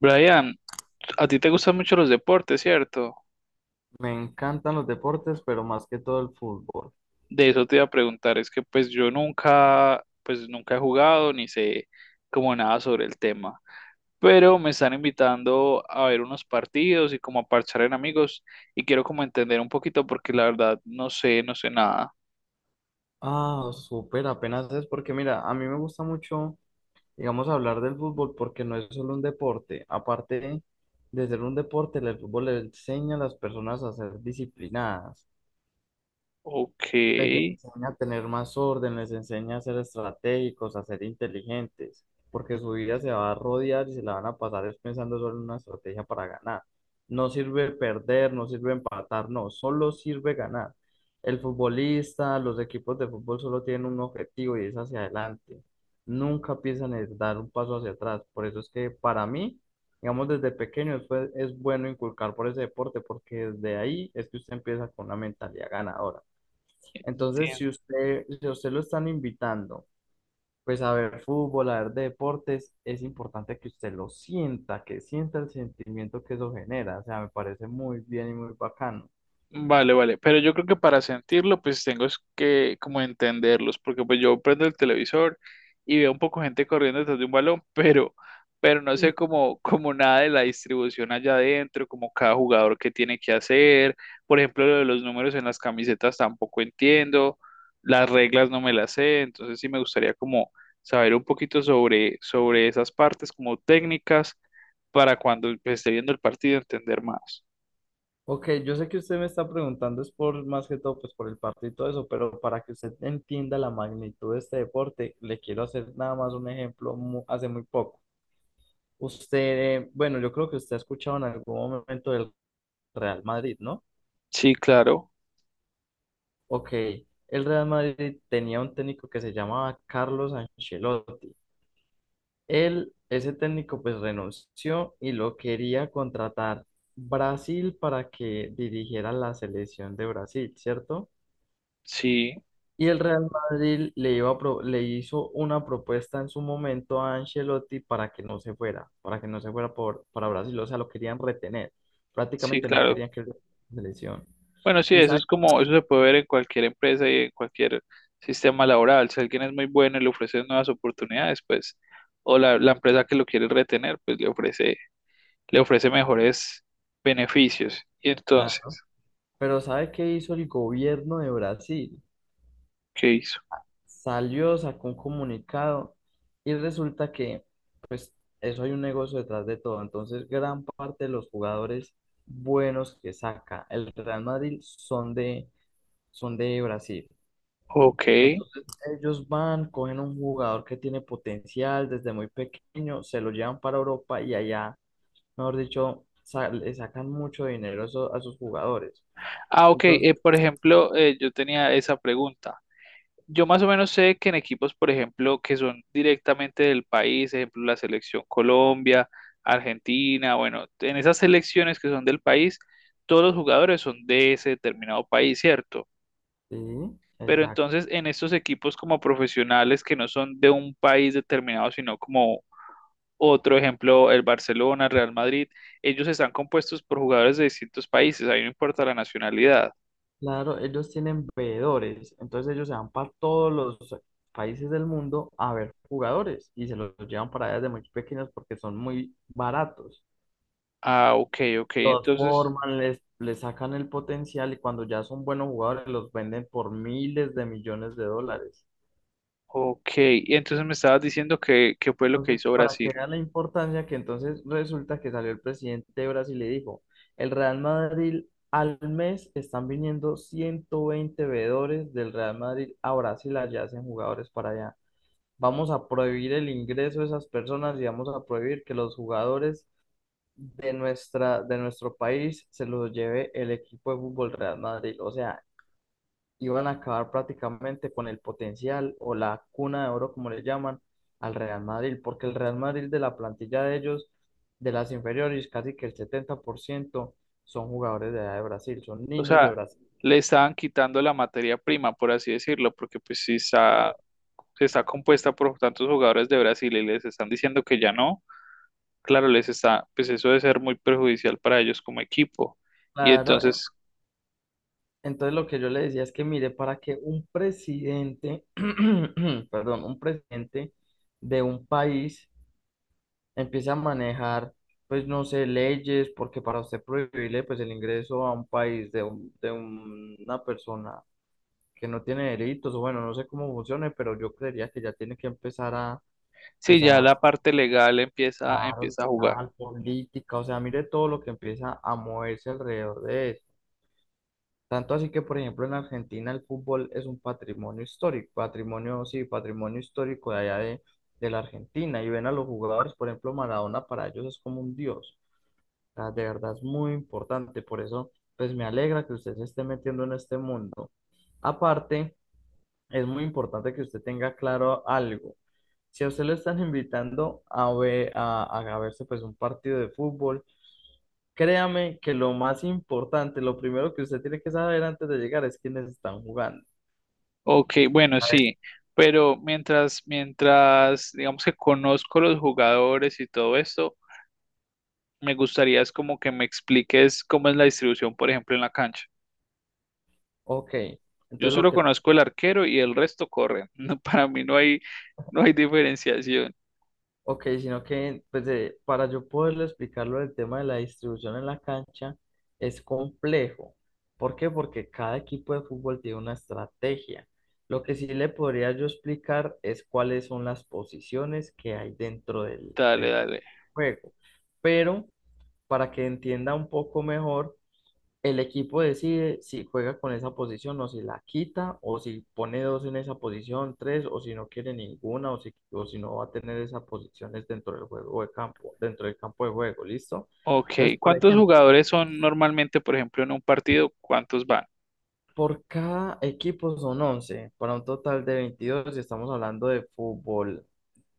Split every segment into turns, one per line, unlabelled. Brian, a ti te gustan mucho los deportes, ¿cierto?
Me encantan los deportes, pero más que todo el fútbol.
De eso te iba a preguntar, es que pues yo nunca, pues nunca he jugado ni sé como nada sobre el tema, pero me están invitando a ver unos partidos y como a parchar en amigos y quiero como entender un poquito porque la verdad no sé, no sé nada.
Ah, súper, apenas es porque mira, a mí me gusta mucho, digamos, hablar del fútbol porque no es solo un deporte. Aparte de ser un deporte, el fútbol le enseña a las personas a ser disciplinadas.
Ok,
Les enseña a tener más orden, les enseña a ser estratégicos, a ser inteligentes, porque su vida se va a rodear y se la van a pasar es pensando solo en una estrategia para ganar. No sirve perder, no sirve empatar, no, solo sirve ganar. El futbolista, los equipos de fútbol solo tienen un objetivo y es hacia adelante. Nunca piensan en dar un paso hacia atrás. Por eso es que para mí, digamos, desde pequeño es bueno inculcar por ese deporte, porque desde ahí es que usted empieza con una mentalidad ganadora. Entonces,
entiendo.
si a usted lo están invitando, pues a ver fútbol, a ver deportes, es importante que usted lo sienta, que sienta el sentimiento que eso genera. O sea, me parece muy bien y muy bacano.
Vale, vale, pero yo creo que para sentirlo, pues tengo es que como entenderlos, porque pues yo prendo el televisor y veo un poco gente corriendo detrás de un balón, pero no sé como nada de la distribución allá adentro, como cada jugador que tiene que hacer, por ejemplo, lo de los números en las camisetas tampoco entiendo, las reglas no me las sé, entonces sí me gustaría como saber un poquito sobre esas partes como técnicas para cuando pues, esté viendo el partido entender más.
Ok, yo sé que usted me está preguntando, es por más que todo, pues por el partido y todo eso, pero para que usted entienda la magnitud de este deporte, le quiero hacer nada más un ejemplo hace muy poco. Usted, bueno, yo creo que usted ha escuchado en algún momento del Real Madrid, ¿no?
Sí, claro,
Ok, el Real Madrid tenía un técnico que se llamaba Carlos Ancelotti. Él, ese técnico, pues renunció y lo quería contratar Brasil para que dirigiera la selección de Brasil, ¿cierto?
sí.
Y el Real Madrid le hizo una propuesta en su momento a Ancelotti para que no se fuera, para que no se fuera por, para Brasil, o sea, lo querían retener.
Sí,
Prácticamente no
claro.
querían que él fuera a la selección.
Bueno, sí,
Y
eso
sabe,
es como, eso se puede ver en cualquier empresa y en cualquier sistema laboral. Si alguien es muy bueno y le ofrece nuevas oportunidades, pues, o la empresa que lo quiere retener, pues le ofrece mejores beneficios. Y
la-
entonces,
pero ¿sabe qué hizo el gobierno de Brasil?
¿qué hizo?
Salió, sacó un comunicado y resulta que, pues, eso hay un negocio detrás de todo. Entonces, gran parte de los jugadores buenos que saca el Real Madrid son de Brasil.
Ok.
Entonces, ellos van, cogen un jugador que tiene potencial desde muy pequeño, se lo llevan para Europa y allá, mejor dicho, le sacan mucho dinero a sus jugadores.
Ah, ok.
Entonces,
Por ejemplo, yo tenía esa pregunta. Yo más o menos sé que en equipos, por ejemplo, que son directamente del país, ejemplo, la selección Colombia, Argentina, bueno, en esas selecciones que son del país, todos los jugadores son de ese determinado país, ¿cierto?
sí,
Pero entonces en estos equipos como profesionales que no son de un país determinado, sino como otro ejemplo, el Barcelona, Real Madrid, ellos están compuestos por jugadores de distintos países, ahí no importa la nacionalidad.
claro, ellos tienen veedores, entonces ellos se van para todos los países del mundo a ver jugadores y se los llevan para allá desde muy pequeños porque son muy baratos.
Ah, ok, ok,
Los
entonces.
forman, les sacan el potencial y cuando ya son buenos jugadores los venden por miles de millones de dólares.
Ok, y entonces me estabas diciendo que fue lo que
Entonces,
hizo
para
Brasil.
que vean la importancia, que entonces resulta que salió el presidente de Brasil y dijo, el Real Madrid al mes están viniendo 120 veedores del Real Madrid a Brasil, allá hacen jugadores para allá. Vamos a prohibir el ingreso de esas personas y vamos a prohibir que los jugadores de nuestro país se los lleve el equipo de fútbol Real Madrid. O sea, iban a acabar prácticamente con el potencial o la cuna de oro, como le llaman, al Real Madrid, porque el Real Madrid de la plantilla de ellos, de las inferiores, casi que el 70% son jugadores de edad de Brasil, son
O
niños de
sea,
Brasil.
le estaban quitando la materia prima, por así decirlo, porque pues si está compuesta por tantos jugadores de Brasil y les están diciendo que ya no, claro, les está, pues eso debe ser muy perjudicial para ellos como equipo. Y
Claro,
entonces,
entonces lo que yo le decía es que mire, para que un presidente, perdón, un presidente de un país empiece a manejar, pues no sé, leyes, porque para usted prohibirle pues el ingreso a un país de una persona que no tiene delitos, o bueno, no sé cómo funcione, pero yo creería que ya tiene que empezar a,
sí,
pues
ya
a,
la parte legal empieza,
a
empieza a jugar.
dar política, o sea, mire todo lo que empieza a moverse alrededor de eso. Tanto así que, por ejemplo, en Argentina el fútbol es un patrimonio histórico, patrimonio, sí, patrimonio histórico de allá de la Argentina. Y ven a los jugadores, por ejemplo, Maradona para ellos es como un dios. O sea, de verdad es muy importante. Por eso, pues me alegra que usted se esté metiendo en este mundo. Aparte, es muy importante que usted tenga claro algo. Si a usted lo están invitando a ver, a verse pues un partido de fútbol, créame que lo más importante, lo primero que usted tiene que saber antes de llegar es quiénes están jugando.
Ok, bueno, sí, pero mientras, digamos que conozco los jugadores y todo esto, me gustaría es como que me expliques cómo es la distribución, por ejemplo, en la cancha.
Ok,
Yo
entonces lo
solo
que.
conozco el arquero y el resto corren. No, para mí no hay diferenciación.
Ok, sino que pues, para yo poderle explicarlo el tema de la distribución en la cancha es complejo. ¿Por qué? Porque cada equipo de fútbol tiene una estrategia. Lo que sí le podría yo explicar es cuáles son las posiciones que hay dentro del,
Dale,
del
dale.
juego. Pero para que entienda un poco mejor, el equipo decide si juega con esa posición o si la quita o si pone dos en esa posición, tres o si no quiere ninguna o si no va a tener esas posiciones dentro del juego de campo, dentro del campo de juego, ¿listo?
Ok,
Entonces, por
¿cuántos
ejemplo,
jugadores son normalmente, por ejemplo, en un partido? ¿Cuántos van?
por cada equipo son 11 para un total de 22 y estamos hablando de fútbol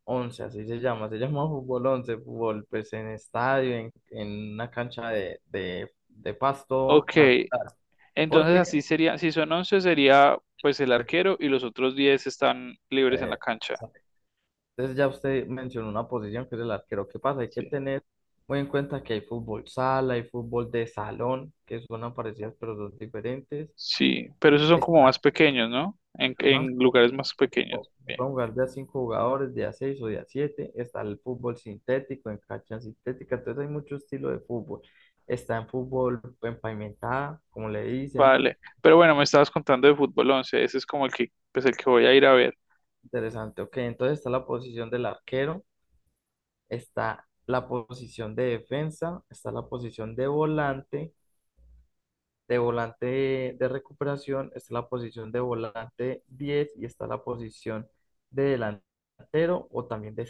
11, así se llama, se llama fútbol 11, fútbol pues en estadio, en una cancha de pasto
Ok,
natural,
entonces
porque.
así sería, si son 11 sería pues el
Pues,
arquero y los otros 10 están libres en la
eh,
cancha.
entonces ya usted mencionó una posición que es el arquero. ¿Qué pasa? Hay que
Sí.
tener muy en cuenta que hay fútbol sala, hay fútbol de salón, que son parecidas pero son diferentes.
Sí, pero esos son como más
Está,
pequeños, ¿no? En,
ajá,
en lugares más pequeños.
o-
Bien.
pueden jugar de a cinco jugadores, de a seis o de a siete. Está el fútbol sintético, en cancha sintética. Entonces hay mucho estilo de fútbol. Está en fútbol en pavimentada, como le dicen.
Vale, pero bueno, me estabas contando de fútbol 11, ese es como el que voy a ir a ver.
Interesante. Ok, entonces está la posición del arquero, está la posición de defensa, está la posición de volante. De volante de recuperación, está la posición de volante 10 y está la posición de delantero o también de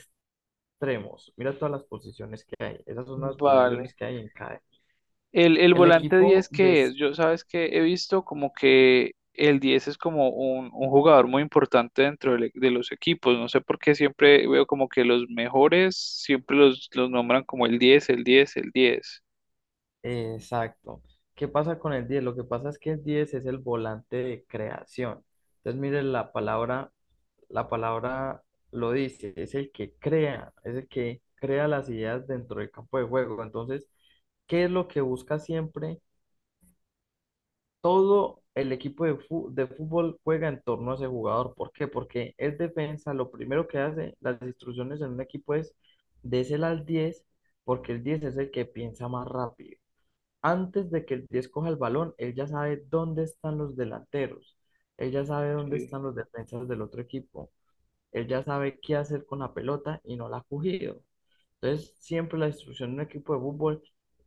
extremos. Mira todas las posiciones que hay. Esas son las posiciones
Vale.
que hay en cada.
El
El
volante
equipo
10,
de...
¿qué es? Yo sabes que he visto como que el 10 es como un jugador muy importante dentro de los equipos. No sé por qué siempre veo como que los mejores siempre los nombran como el 10, el 10, el 10.
exacto. ¿Qué pasa con el diez? Lo que pasa es que el 10 es el volante de creación. Entonces, mire, la palabra lo dice, es el que crea, es el que crea las ideas dentro del campo de juego. Entonces, ¿qué es lo que busca siempre? Todo el equipo de fútbol juega en torno a ese jugador. ¿Por qué? Porque es defensa, lo primero que hace las instrucciones en un equipo es des el al 10, porque el 10 es el que piensa más rápido. Antes de que el 10 coja el balón, él ya sabe dónde están los delanteros, él ya sabe dónde
Sí.
están los defensas del otro equipo. Él ya sabe qué hacer con la pelota y no la ha cogido. Entonces, siempre la instrucción de un equipo de fútbol,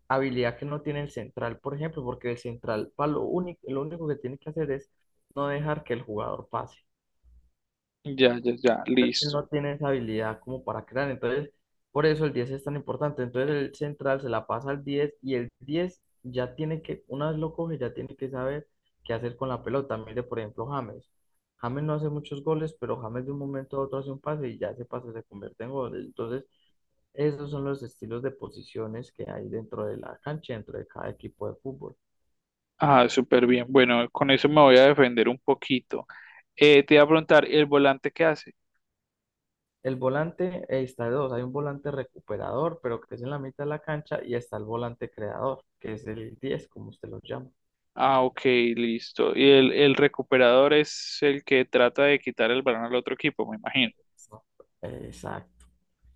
habilidad que no tiene el central, por ejemplo, porque el central, para lo único que tiene que hacer es no dejar que el jugador pase,
Ya, ya, ya,
él no
listo.
tiene esa habilidad como para crear. Entonces, por eso el 10 es tan importante. Entonces, el central se la pasa al 10 y el 10 ya tiene que, una vez lo coge, ya tiene que saber qué hacer con la pelota. Mire, por ejemplo, James. James no hace muchos goles, pero James de un momento a otro hace un pase y ya ese pase se convierte en gol. Entonces, esos son los estilos de posiciones que hay dentro de la cancha, dentro de cada equipo de fútbol.
Ah, súper bien. Bueno, con eso me voy a defender un poquito. Te iba a preguntar, ¿el volante qué hace?
El volante, está de dos, hay un volante recuperador, pero que es en la mitad de la cancha, y está el volante creador, que es el diez como usted lo llama.
Ah, ok, listo. Y el recuperador es el que trata de quitar el balón al otro equipo, me imagino.
No. Exacto.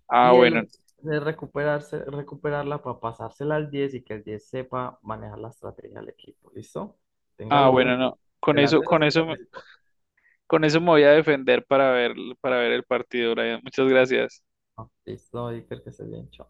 Ah,
Y
bueno,
el de recuperarse, recuperarla para pasársela al 10 y que el 10 sepa manejar la estrategia del equipo. ¿Listo?
ah,
Téngalo muy
bueno, no. Con eso,
delantero,
con
se
eso,
queda
me-
así,
con eso me voy a defender para ver, el partido, Brian. Muchas gracias.
ah, listo, Iker, que se bien, chao.